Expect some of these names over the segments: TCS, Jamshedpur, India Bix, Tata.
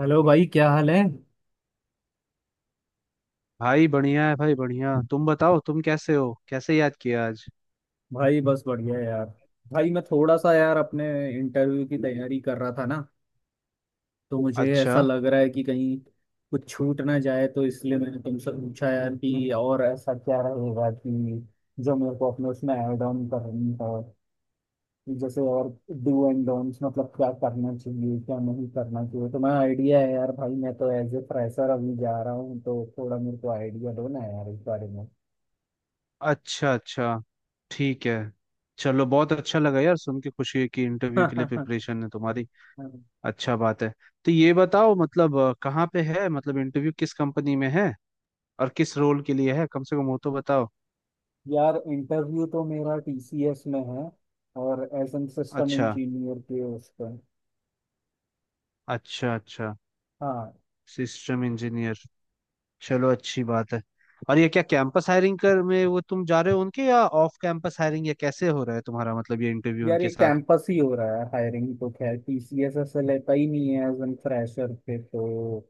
Hello भाई, क्या हाल है। भाई बढ़िया है भाई बढ़िया, तुम बताओ तुम कैसे हो, कैसे याद किया आज? भाई, बस बढ़िया है यार। भाई, मैं थोड़ा सा यार अपने इंटरव्यू की तैयारी कर रहा था ना, तो मुझे ऐसा अच्छा, लग रहा है कि कहीं कुछ छूट ना जाए, तो इसलिए मैंने तुमसे पूछा यार कि और ऐसा क्या रहेगा कि जो मेरे को अपने उसमें ऐड ऑन करनी है, जैसे और डू एंड डोंट्स, मतलब क्या करना चाहिए क्या नहीं करना चाहिए, तो मैं आइडिया है यार। भाई, मैं तो एज ए फ्रेशर अभी जा रहा हूँ, तो थोड़ा मेरे को आइडिया दो ना यार इस बारे अच्छा। अच्छा, ठीक है। चलो, बहुत अच्छा लगा यार, सुन के खुशी है कि इंटरव्यू के लिए में। प्रिपरेशन है तुम्हारी। अच्छा बात है। तो ये बताओ, मतलब कहाँ पे है, मतलब इंटरव्यू किस कंपनी में है और किस रोल के लिए है, कम से कम वो तो बताओ। यार, इंटरव्यू तो मेरा टीसीएस में है, और एज एन सिस्टम अच्छा, इंजीनियर के उस पर। अच्छा। अच्छा, हाँ। System engineer. चलो अच्छी बात है। और ये क्या कैंपस हायरिंग कर में वो तुम जा रहे हो उनके, या ऑफ कैंपस हायरिंग, या कैसे हो रहा है तुम्हारा मतलब ये इंटरव्यू यार, उनके ये साथ? कैंपस ही हो रहा है हायरिंग, तो खैर टीसीएस ऐसे लेता ही नहीं है एज एन फ्रेशर पे, तो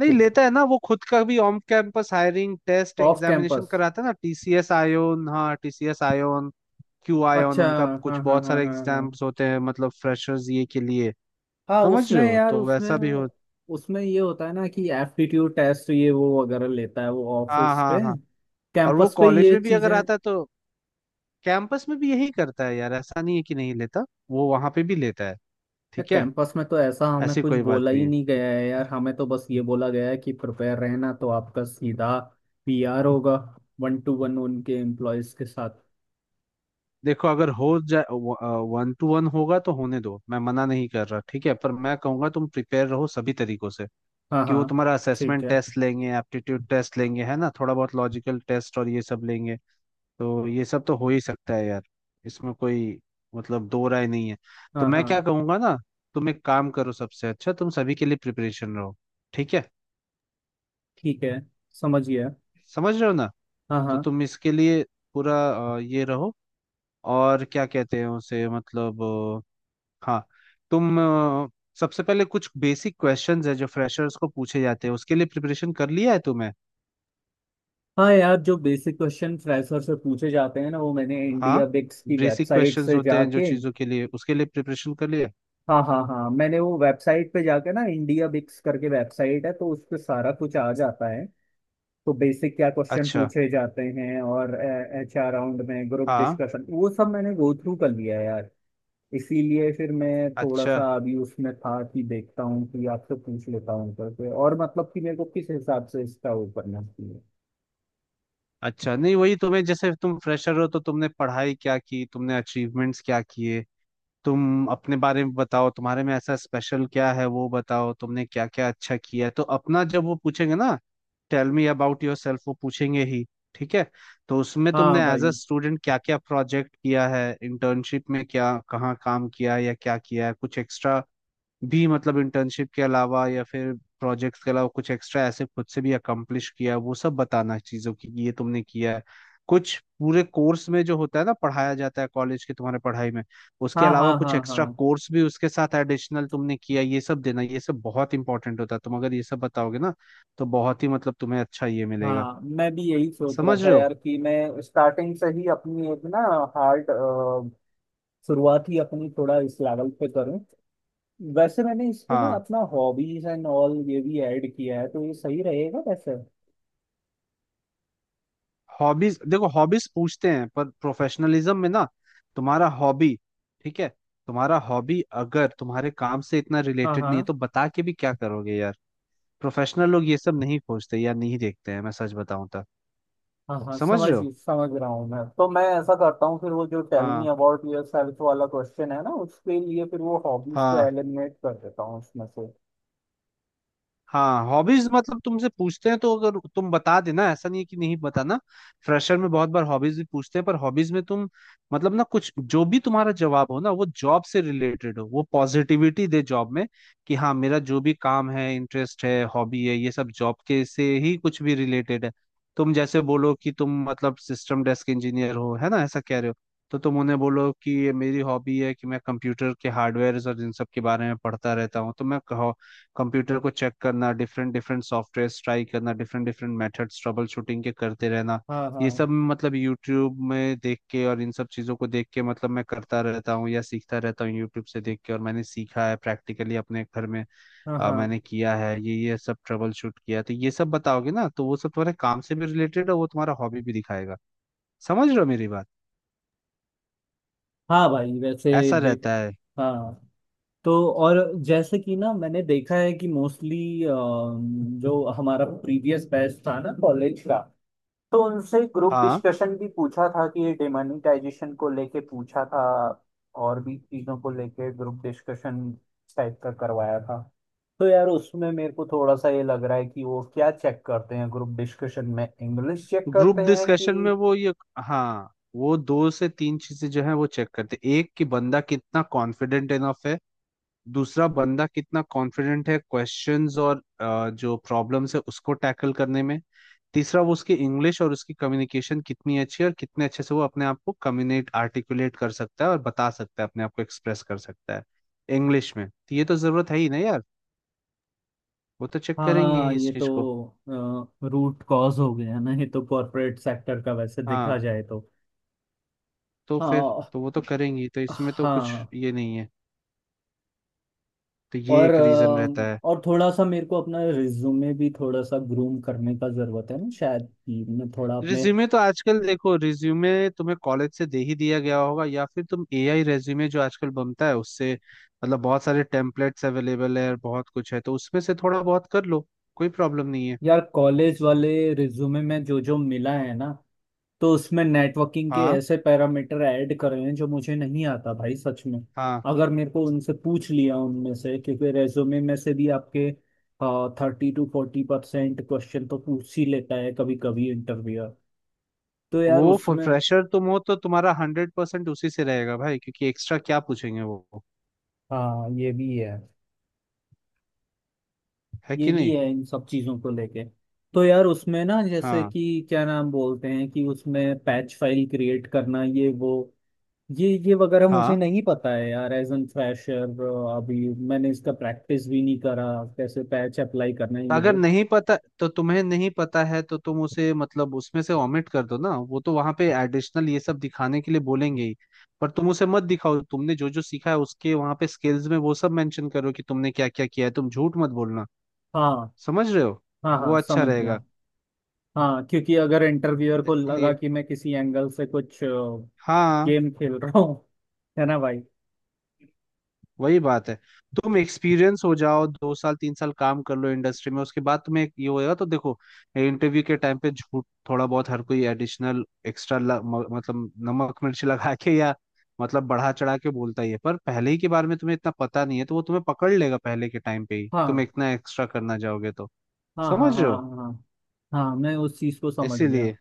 नहीं कुछ लेता है ना, वो खुद का भी on campus hiring test of examination campus. कराता है ना, टीसीएस आयोन। हाँ, टीसीएस आयोन। क्यू आयोन अच्छा। उनका कुछ, हाँ हाँ बहुत हाँ सारे हाँ हाँ एग्जाम्स होते हैं मतलब फ्रेशर्स ये के लिए। हाँ। समझ उसमें रहे हो, यार, तो उसमें वैसा भी हो। उसमें ये होता है ना कि एप्टीट्यूड टेस्ट ये वो वगैरह लेता है, वो ऑफ हाँ, उस पे, हाँ, हाँ। और वो कैंपस पे कॉलेज ये में भी चीजें। अगर आता है तो कैंपस में भी यही करता है यार, ऐसा नहीं है कि नहीं लेता, वो वहां पे भी लेता है। यार, ठीक है। कैंपस में तो ऐसा हमें ऐसी कुछ कोई बात बोला नहीं ही है। नहीं गया है, यार हमें तो बस ये बोला गया है कि प्रिपेयर रहना, तो आपका सीधा पीआर होगा, वन टू वन उनके एम्प्लॉयज के साथ। देखो अगर हो जाए, वन टू वन होगा तो होने दो, मैं मना नहीं कर रहा, ठीक है, पर मैं कहूंगा तुम प्रिपेयर रहो सभी तरीकों से, हाँ कि हाँ। वो तुम्हारा ठीक असेसमेंट है। टेस्ट लेंगे, एप्टीट्यूड टेस्ट लेंगे, है ना, थोड़ा बहुत लॉजिकल टेस्ट और ये सब लेंगे। तो ये सब तो हो ही सकता है यार, इसमें कोई मतलब दो राय नहीं है। तो हाँ मैं हाँ, क्या कहूँगा ना, तुम एक काम करो, सबसे अच्छा तुम सभी के लिए प्रिपरेशन रहो, ठीक है, ठीक है। समझिए। समझ रहे हो ना। हाँ तो हाँ तुम इसके लिए पूरा ये रहो, और क्या कहते हैं उसे, मतलब हाँ, तुम सबसे पहले कुछ बेसिक क्वेश्चंस है जो फ्रेशर्स को पूछे जाते हैं, उसके लिए प्रिपरेशन कर लिया है तुमने? हाँ। यार, जो बेसिक क्वेश्चन फ्रेशर से पूछे जाते हैं ना, वो मैंने हाँ, इंडिया बिक्स की बेसिक वेबसाइट क्वेश्चंस से होते हैं जो जाके। चीजों के लिए उसके लिए प्रिपरेशन कर लिया। हाँ हाँ हाँ, मैंने वो वेबसाइट पे जाके ना, इंडिया बिक्स करके वेबसाइट है, तो उस पे सारा कुछ आ जाता है, तो बेसिक क्या क्वेश्चन अच्छा। पूछे जाते हैं और एच आर राउंड में ग्रुप हाँ। डिस्कशन वो सब मैंने गो थ्रू कर लिया है यार। इसीलिए फिर मैं थोड़ा अच्छा, सा अभी उसमें था कि देखता हूँ कि आपसे पूछ लेता हूँ करके, और मतलब कि मेरे को किस हिसाब से इसका वो करना चाहिए। अच्छा। नहीं, वही तुम्हें, जैसे तुम फ्रेशर हो तो तुमने पढ़ाई क्या की, तुमने अचीवमेंट्स क्या किए, तुम अपने बारे में बताओ, तुम्हारे में ऐसा स्पेशल क्या है वो बताओ, तुमने क्या क्या अच्छा किया है, तो अपना जब वो पूछेंगे ना, tell me about yourself वो पूछेंगे ही, ठीक है। तो उसमें हाँ तुमने एज अ भाई। स्टूडेंट क्या क्या प्रोजेक्ट किया है, इंटर्नशिप में क्या कहाँ काम किया है या क्या किया है, कुछ एक्स्ट्रा भी मतलब इंटर्नशिप के अलावा या फिर प्रोजेक्ट्स के अलावा कुछ एक्स्ट्रा ऐसे खुद से भी अकम्प्लिश किया, वो सब बताना चीज़ों की कि ये तुमने किया है। कुछ पूरे कोर्स में जो होता है ना पढ़ाया जाता है कॉलेज के तुम्हारे पढ़ाई में, उसके हाँ हाँ अलावा कुछ हाँ एक्स्ट्रा हाँ कोर्स भी उसके साथ एडिशनल तुमने किया ये सब देना, ये सब बहुत इंपॉर्टेंट होता है, तुम अगर ये सब बताओगे ना तो बहुत ही मतलब तुम्हें अच्छा ये मिलेगा। हाँ। मैं भी यही सोच रहा समझ था रहे हो। यार कि मैं स्टार्टिंग से ही अपनी एक ना हार्ड शुरुआत ही अपनी थोड़ा इस लेवल पे करूँ। वैसे मैंने इस पे ना हाँ। अपना हॉबीज एंड ऑल ये भी ऐड किया है, तो ये सही रहेगा वैसे। हॉबीज, देखो हॉबीज पूछते हैं पर प्रोफेशनलिज्म में ना, तुम्हारा हॉबी, ठीक है, तुम्हारा हॉबी अगर तुम्हारे काम से इतना हाँ रिलेटेड नहीं है हाँ तो बता के भी क्या करोगे यार। प्रोफेशनल लोग ये सब नहीं खोजते या नहीं देखते हैं, मैं सच बताऊं तो। हाँ हाँ, समझ समझ रहे हो। समझ रहा हूँ मैं, तो मैं ऐसा करता हूँ फिर वो, जो टेल मी हाँ, अबाउट योर सेल्फ वाला क्वेश्चन है ना, उसके लिए फिर वो हॉबीज को हाँ। एलिमिनेट कर देता हूँ उसमें से। हाँ, हॉबीज मतलब तुमसे पूछते हैं तो अगर तुम बता देना, ऐसा नहीं है कि नहीं बताना, फ्रेशर में बहुत बार हॉबीज भी पूछते हैं, पर हॉबीज में तुम मतलब ना, कुछ जो भी तुम्हारा जवाब हो ना वो जॉब से रिलेटेड हो, वो पॉजिटिविटी दे जॉब में, कि हाँ मेरा जो भी काम है, इंटरेस्ट है, हॉबी है, ये सब जॉब के से ही कुछ भी रिलेटेड है। तुम जैसे बोलो कि तुम मतलब सिस्टम डेस्क इंजीनियर हो, है ना, ऐसा कह रहे हो, तो तुम उन्हें बोलो कि ये मेरी हॉबी है कि मैं कंप्यूटर के हार्डवेयर और इन सब के बारे में पढ़ता रहता हूँ, तो मैं कंप्यूटर को चेक करना, डिफरेंट डिफरेंट सॉफ्टवेयर ट्राई करना, different different methods troubleshooting के करते रहना, हाँ हाँ ये सब मतलब यूट्यूब में देख के और इन सब चीज़ों को देख के मतलब मैं करता रहता हूँ या सीखता रहता हूँ यूट्यूब से देख के, और मैंने सीखा है प्रैक्टिकली अपने घर में। हाँ हाँ मैंने किया है ये सब ट्रबल शूट किया, तो ये सब बताओगे ना तो वो सब तुम्हारे काम से भी रिलेटेड है, वो तुम्हारा हॉबी भी दिखाएगा, समझ रहे हो मेरी बात। हाँ भाई, वैसे ऐसा देख। रहता है। हाँ, तो और जैसे कि ना, मैंने देखा है कि मोस्टली जो हमारा प्रीवियस बैच था ना कॉलेज का, तो उनसे ग्रुप हाँ। डिस्कशन भी पूछा था कि ये डिमोनिटाइजेशन को लेके पूछा था, और भी चीज़ों को लेके ग्रुप डिस्कशन टाइप का करवाया था। तो यार उसमें मेरे को थोड़ा सा ये लग रहा है कि वो क्या चेक करते हैं ग्रुप डिस्कशन में, इंग्लिश चेक ग्रुप करते हैं कि। डिस्कशन में वो ये, हाँ, वो दो से तीन चीजें जो है वो चेक करते हैं। एक कि बंदा कितना कॉन्फिडेंट इनफ है, दूसरा बंदा कितना कॉन्फिडेंट है क्वेश्चंस और जो प्रॉब्लम्स है उसको टैकल करने में, तीसरा वो उसकी इंग्लिश और उसकी कम्युनिकेशन कितनी अच्छी है और कितने अच्छे से वो अपने आप को कम्युनिकेट आर्टिकुलेट कर सकता है और बता सकता है अपने आप को एक्सप्रेस कर सकता है इंग्लिश में, तो ये तो जरूरत है ही ना यार, वो तो चेक करेंगे हाँ, ही इस ये चीज को। तो रूट कॉज हो गया ना, ये तो कॉरपोरेट सेक्टर का वैसे हाँ। देखा जाए तो। तो फिर हाँ तो वो तो करेंगी तो, इसमें तो कुछ हाँ। ये नहीं है, तो ये और एक रीजन रहता है। अ, और थोड़ा सा मेरे को अपना रिज्यूमे भी थोड़ा सा ग्रूम करने का जरूरत है ना, शायद कि मैं थोड़ा अपने। रिज्यूमे तो आजकल देखो, रिज्यूमे तुम्हें कॉलेज से दे ही दिया गया होगा, या फिर तुम एआई रिज्यूमे जो आजकल बनता है उससे मतलब बहुत सारे टेम्पलेट्स अवेलेबल है और बहुत कुछ है तो उसमें से थोड़ा बहुत कर लो, कोई प्रॉब्लम नहीं है। यार, कॉलेज वाले रिज्यूमे में जो जो मिला है ना, तो उसमें नेटवर्किंग के हाँ, ऐसे पैरामीटर ऐड कर रहे हैं जो मुझे नहीं आता भाई सच में। हाँ। अगर मेरे को उनसे पूछ लिया उनमें से, क्योंकि रेज्यूमे में से भी आपके 30 to 40% क्वेश्चन तो पूछ ही लेता है कभी कभी इंटरव्यूअर, तो यार वो उसमें। फ्रेशर तुम हो तो तुम्हारा 100% उसी से रहेगा भाई, क्योंकि एक्स्ट्रा क्या पूछेंगे वो, हाँ, ये भी है, है ये कि भी नहीं। है, इन सब चीजों को लेके। तो यार उसमें ना, जैसे हाँ, कि क्या नाम बोलते हैं कि उसमें पैच फाइल क्रिएट करना ये वो, ये वगैरह मुझे हाँ। नहीं पता है यार, एज एन फ्रेशर। अभी मैंने इसका प्रैक्टिस भी नहीं करा, कैसे पैच अप्लाई करना है तो ये अगर वो। नहीं पता, तो तुम्हें नहीं पता है तो तुम उसे मतलब उसमें से ओमिट कर दो ना, वो तो वहां पे एडिशनल ये सब दिखाने के लिए बोलेंगे ही, पर तुम उसे मत दिखाओ, तुमने जो जो सीखा है उसके वहां पे स्किल्स में वो सब मेंशन करो कि तुमने क्या क्या किया है, तुम झूठ मत बोलना, हाँ समझ रहे हो, हाँ वो हाँ, अच्छा समझ गया। रहेगा, हाँ, क्योंकि अगर इंटरव्यूअर को लगा इसलिए। कि मैं किसी एंगल से कुछ हाँ, गेम खेल रहा हूँ, है ना भाई। वही बात है, तुम एक्सपीरियंस हो जाओ, 2 साल 3 साल काम कर लो इंडस्ट्री में, उसके बाद तुम्हें एक ये होएगा, तो देखो इंटरव्यू के टाइम पे झूठ थोड़ा बहुत हर कोई एडिशनल एक्स्ट्रा मतलब नमक मिर्च लगा के या मतलब बढ़ा चढ़ा के बोलता ही है, पर पहले ही के बारे में तुम्हें इतना पता नहीं है तो वो तुम्हें पकड़ लेगा, पहले के टाइम पे ही तुम हाँ इतना एक्स्ट्रा करना जाओगे तो, हाँ हाँ समझ रहे हाँ हो, हाँ हाँ हाँ, मैं उस चीज को समझ गया। इसीलिए।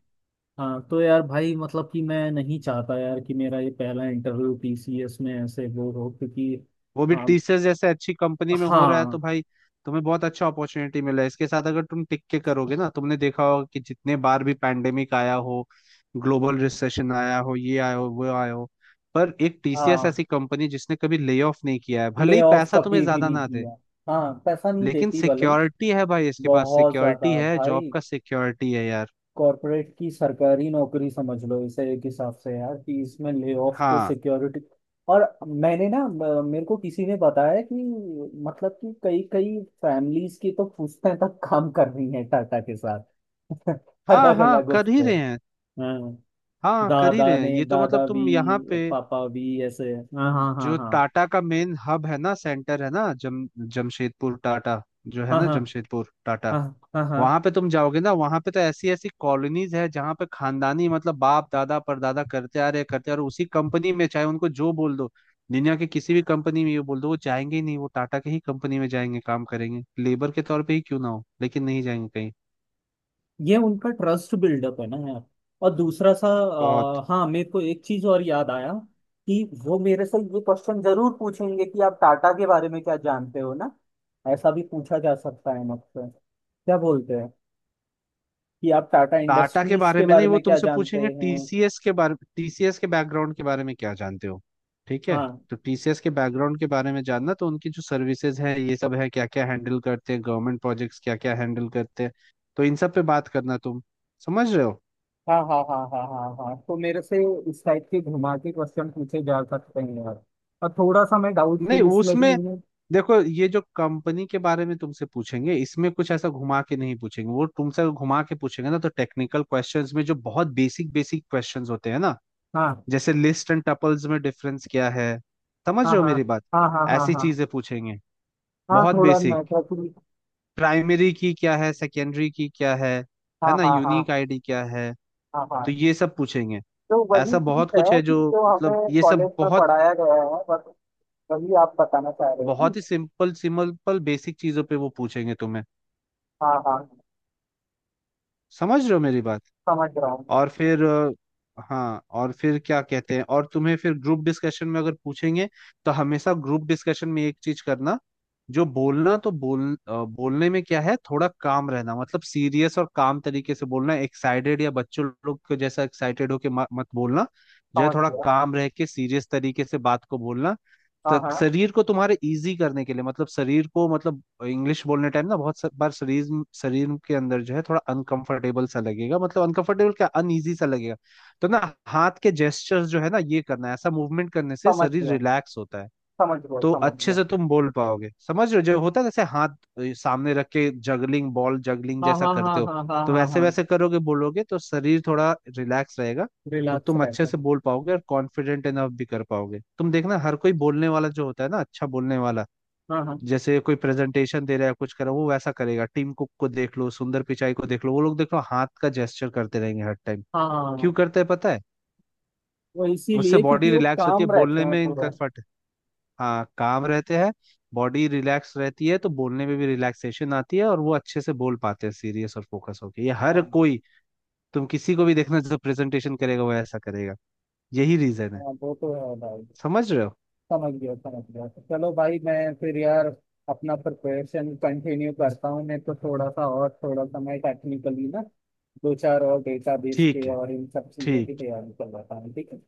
हाँ, तो यार भाई, मतलब कि मैं नहीं चाहता यार कि मेरा ये पहला इंटरव्यू पीसीएस में ऐसे वो हो, क्योंकि। वो भी हाँ टीसीएस जैसे अच्छी कंपनी में हो रहा है तो हाँ भाई, तुम्हें बहुत अच्छा अपॉर्चुनिटी मिला है, इसके साथ अगर तुम टिक के करोगे ना, तुमने देखा होगा कि जितने बार भी पैंडेमिक आया हो, ग्लोबल रिसेशन आया हो, ये आया हो, वो आया हो, पर एक टीसीएस हाँ, ऐसी कंपनी जिसने कभी ले ऑफ नहीं किया है, भले ले ही ऑफ पैसा तुम्हें कभी भी ज्यादा नहीं ना दे, किया। हाँ, पैसा नहीं लेकिन देती भले ही, सिक्योरिटी है भाई, इसके पास बहुत सिक्योरिटी ज्यादा है, जॉब भाई। का सिक्योरिटी है यार। कॉर्पोरेट की सरकारी नौकरी समझ लो इसे एक हिसाब से यार, कि इसमें ले ऑफ को हाँ, सिक्योरिटी। और मैंने ना, मेरे को किसी ने बताया कि मतलब कि कई कई फैमिलीज की तो पुश्तें तक काम कर रही हैं टाटा के साथ। हाँ। अलग हाँ, अलग उस कर ही पे। रहे हैं। हाँ। हाँ, कर ही रहे दादा हैं, ने, ये तो मतलब दादा भी, तुम यहाँ पे, पापा भी ऐसे। हाँ हाँ हाँ जो हाँ टाटा का मेन हब है ना, सेंटर है ना, जम जमशेदपुर टाटा, जो है हाँ ना, हाँ जमशेदपुर टाटा, हाँ हाँ हाँ। वहां पे तुम जाओगे ना वहां पे, तो ऐसी ऐसी कॉलोनीज है जहां पे खानदानी मतलब बाप दादा परदादा करते आ रहे उसी कंपनी में, चाहे उनको जो बोल दो दुनिया के किसी भी कंपनी में ये बोल दो वो जाएंगे ही नहीं, वो टाटा के ही कंपनी में जाएंगे काम करेंगे लेबर के तौर पे ही क्यों ना हो, लेकिन नहीं जाएंगे कहीं। ये उनका ट्रस्ट बिल्डअप है ना यार। और दूसरा सा, बहुत। हाँ, मेरे को एक चीज और याद आया कि वो मेरे से ये क्वेश्चन जरूर पूछेंगे कि आप टाटा के बारे में क्या जानते हो ना। ऐसा भी पूछा जा सकता है मुझसे, क्या बोलते हैं कि आप टाटा टाटा के इंडस्ट्रीज बारे के में बारे नहीं, वो में क्या तुमसे जानते पूछेंगे हैं। टीसीएस के बारे, टीसीएस के बैकग्राउंड के बारे में क्या जानते हो, ठीक है। हाँ तो टीसीएस के बैकग्राउंड के बारे में जानना, तो उनकी जो सर्विसेज है ये सब है, क्या क्या हैंडल करते हैं, गवर्नमेंट प्रोजेक्ट्स क्या क्या हैंडल करते हैं, तो इन सब पे बात करना तुम, समझ रहे हो। हाँ हाँ हाँ हाँ हाँ हाँ, तो मेरे से इस टाइप के घुमा के क्वेश्चन पूछे जा सकते हैं यार। और थोड़ा सा मैं नहीं, डाउटफुल इसलिए भी उसमें हूँ। देखो, ये जो कंपनी के बारे में तुमसे पूछेंगे इसमें कुछ ऐसा घुमा के नहीं पूछेंगे, वो तुमसे घुमा के पूछेंगे ना तो टेक्निकल क्वेश्चंस में जो बहुत बेसिक बेसिक क्वेश्चंस होते हैं ना, हाँ जैसे लिस्ट एंड टपल्स में डिफरेंस क्या है, समझ हाँ रहे हो हाँ मेरी बात, हाँ हाँ हाँ ऐसी हाँ चीजें पूछेंगे, हाँ, बहुत थोड़ा बेसिक, मैथफुल। प्राइमरी की क्या है, सेकेंडरी की क्या है हाँ ना, हाँ हाँ यूनिक आईडी क्या है, हाँ तो हाँ, ये सब पूछेंगे। तो ऐसा वही चीज बहुत कुछ है है कि जो जो मतलब हमें ये सब कॉलेज में बहुत, पढ़ाया गया है बस, वही आप बताना चाह रहे हो ना। बहुत ही सिंपल सिंपल बेसिक चीजों पे वो पूछेंगे तुम्हें, हाँ हाँ, समझ रहे हो मेरी बात। समझ रहा हूँ, और फिर हाँ, और फिर क्या कहते हैं, और तुम्हें फिर ग्रुप डिस्कशन में अगर पूछेंगे तो हमेशा ग्रुप डिस्कशन में एक चीज करना, जो बोलना तो बोल, बोलने में क्या है थोड़ा काम रहना, मतलब सीरियस और काम तरीके से बोलना, एक्साइटेड या बच्चों लोग को जैसा एक्साइटेड होके मत बोलना, जो है समझ थोड़ा गया। काम रह के सीरियस तरीके से बात को बोलना। हाँ तो हाँ, शरीर को तुम्हारे इजी करने के लिए मतलब शरीर को मतलब इंग्लिश बोलने टाइम ना बहुत बार शरीर, शरीर के अंदर जो है थोड़ा अनकंफर्टेबल सा लगेगा, मतलब अनकंफर्टेबल क्या, अनईजी सा लगेगा, तो ना हाथ के जेस्चर्स जो है ना ये करना है, ऐसा मूवमेंट करने से समझ शरीर गया, रिलैक्स होता है, समझ गया, तो समझ अच्छे गया। से तुम बोल पाओगे, समझ रहे हो, जो होता है जैसे हाथ सामने रख के जगलिंग बॉल जगलिंग हाँ जैसा हाँ करते हाँ हो हाँ हाँ तो हाँ वैसे हाँ, वैसे करोगे बोलोगे तो शरीर थोड़ा रिलैक्स रहेगा, तो रिलैक्स तुम अच्छे रहते से हैं। बोल पाओगे और कॉन्फिडेंट इनफ भी कर पाओगे। तुम देखना हर कोई बोलने वाला जो होता है ना, अच्छा बोलने वाला, हाँ हाँ जैसे कोई प्रेजेंटेशन दे रहा है कुछ कर रहा है वो वैसा करेगा, टीम कुक को देख लो, सुंदर पिचाई को देख लो, वो लोग देख लो हाथ का जेस्चर करते रहेंगे हर टाइम। क्यों हाँ, करते हैं पता है? वो उससे इसीलिए बॉडी क्योंकि वो रिलैक्स होती है काम रहते बोलने हैं में पूरा। इनकम्फर्ट। हाँ, काम रहते हैं। बॉडी रिलैक्स रहती है तो बोलने में भी रिलैक्सेशन आती है और वो अच्छे से बोल पाते हैं सीरियस और फोकस होके, ये हर हाँ कोई, तुम किसी को भी देखना जो प्रेजेंटेशन करेगा वो ऐसा करेगा, यही रीजन है। हाँ, वो तो है भाई। समझ रहे हो। समझ गया, समझ गया, तो चलो भाई, मैं फिर यार अपना प्रिपरेशन कंटिन्यू करता हूँ, मैं तो थोड़ा सा, और थोड़ा सा मैं टेक्निकली ना दो चार और डेटाबेस ठीक के है, और इन सब चीज़ों ठीक। की तैयारी कर रहा हूँ, ठीक है।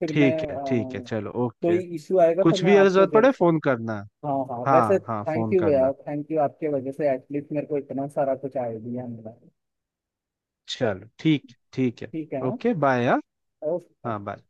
फिर मैं, ठीक है, ठीक है चलो, कोई ओके। इशू आएगा तो कुछ मैं भी अगर आपको जरूरत जब। पड़े फोन करना। हाँ हाँ, वैसे हाँ, हाँ, थैंक फोन यू करना। यार, थैंक यू, आपके वजह से एटलीस्ट मेरे को इतना सारा कुछ आइडिया मिला। चलो, ठीक, ठीक है। ठीक है, हाँ? ओके, बाय, हाँ। ओके। हाँ, बाय।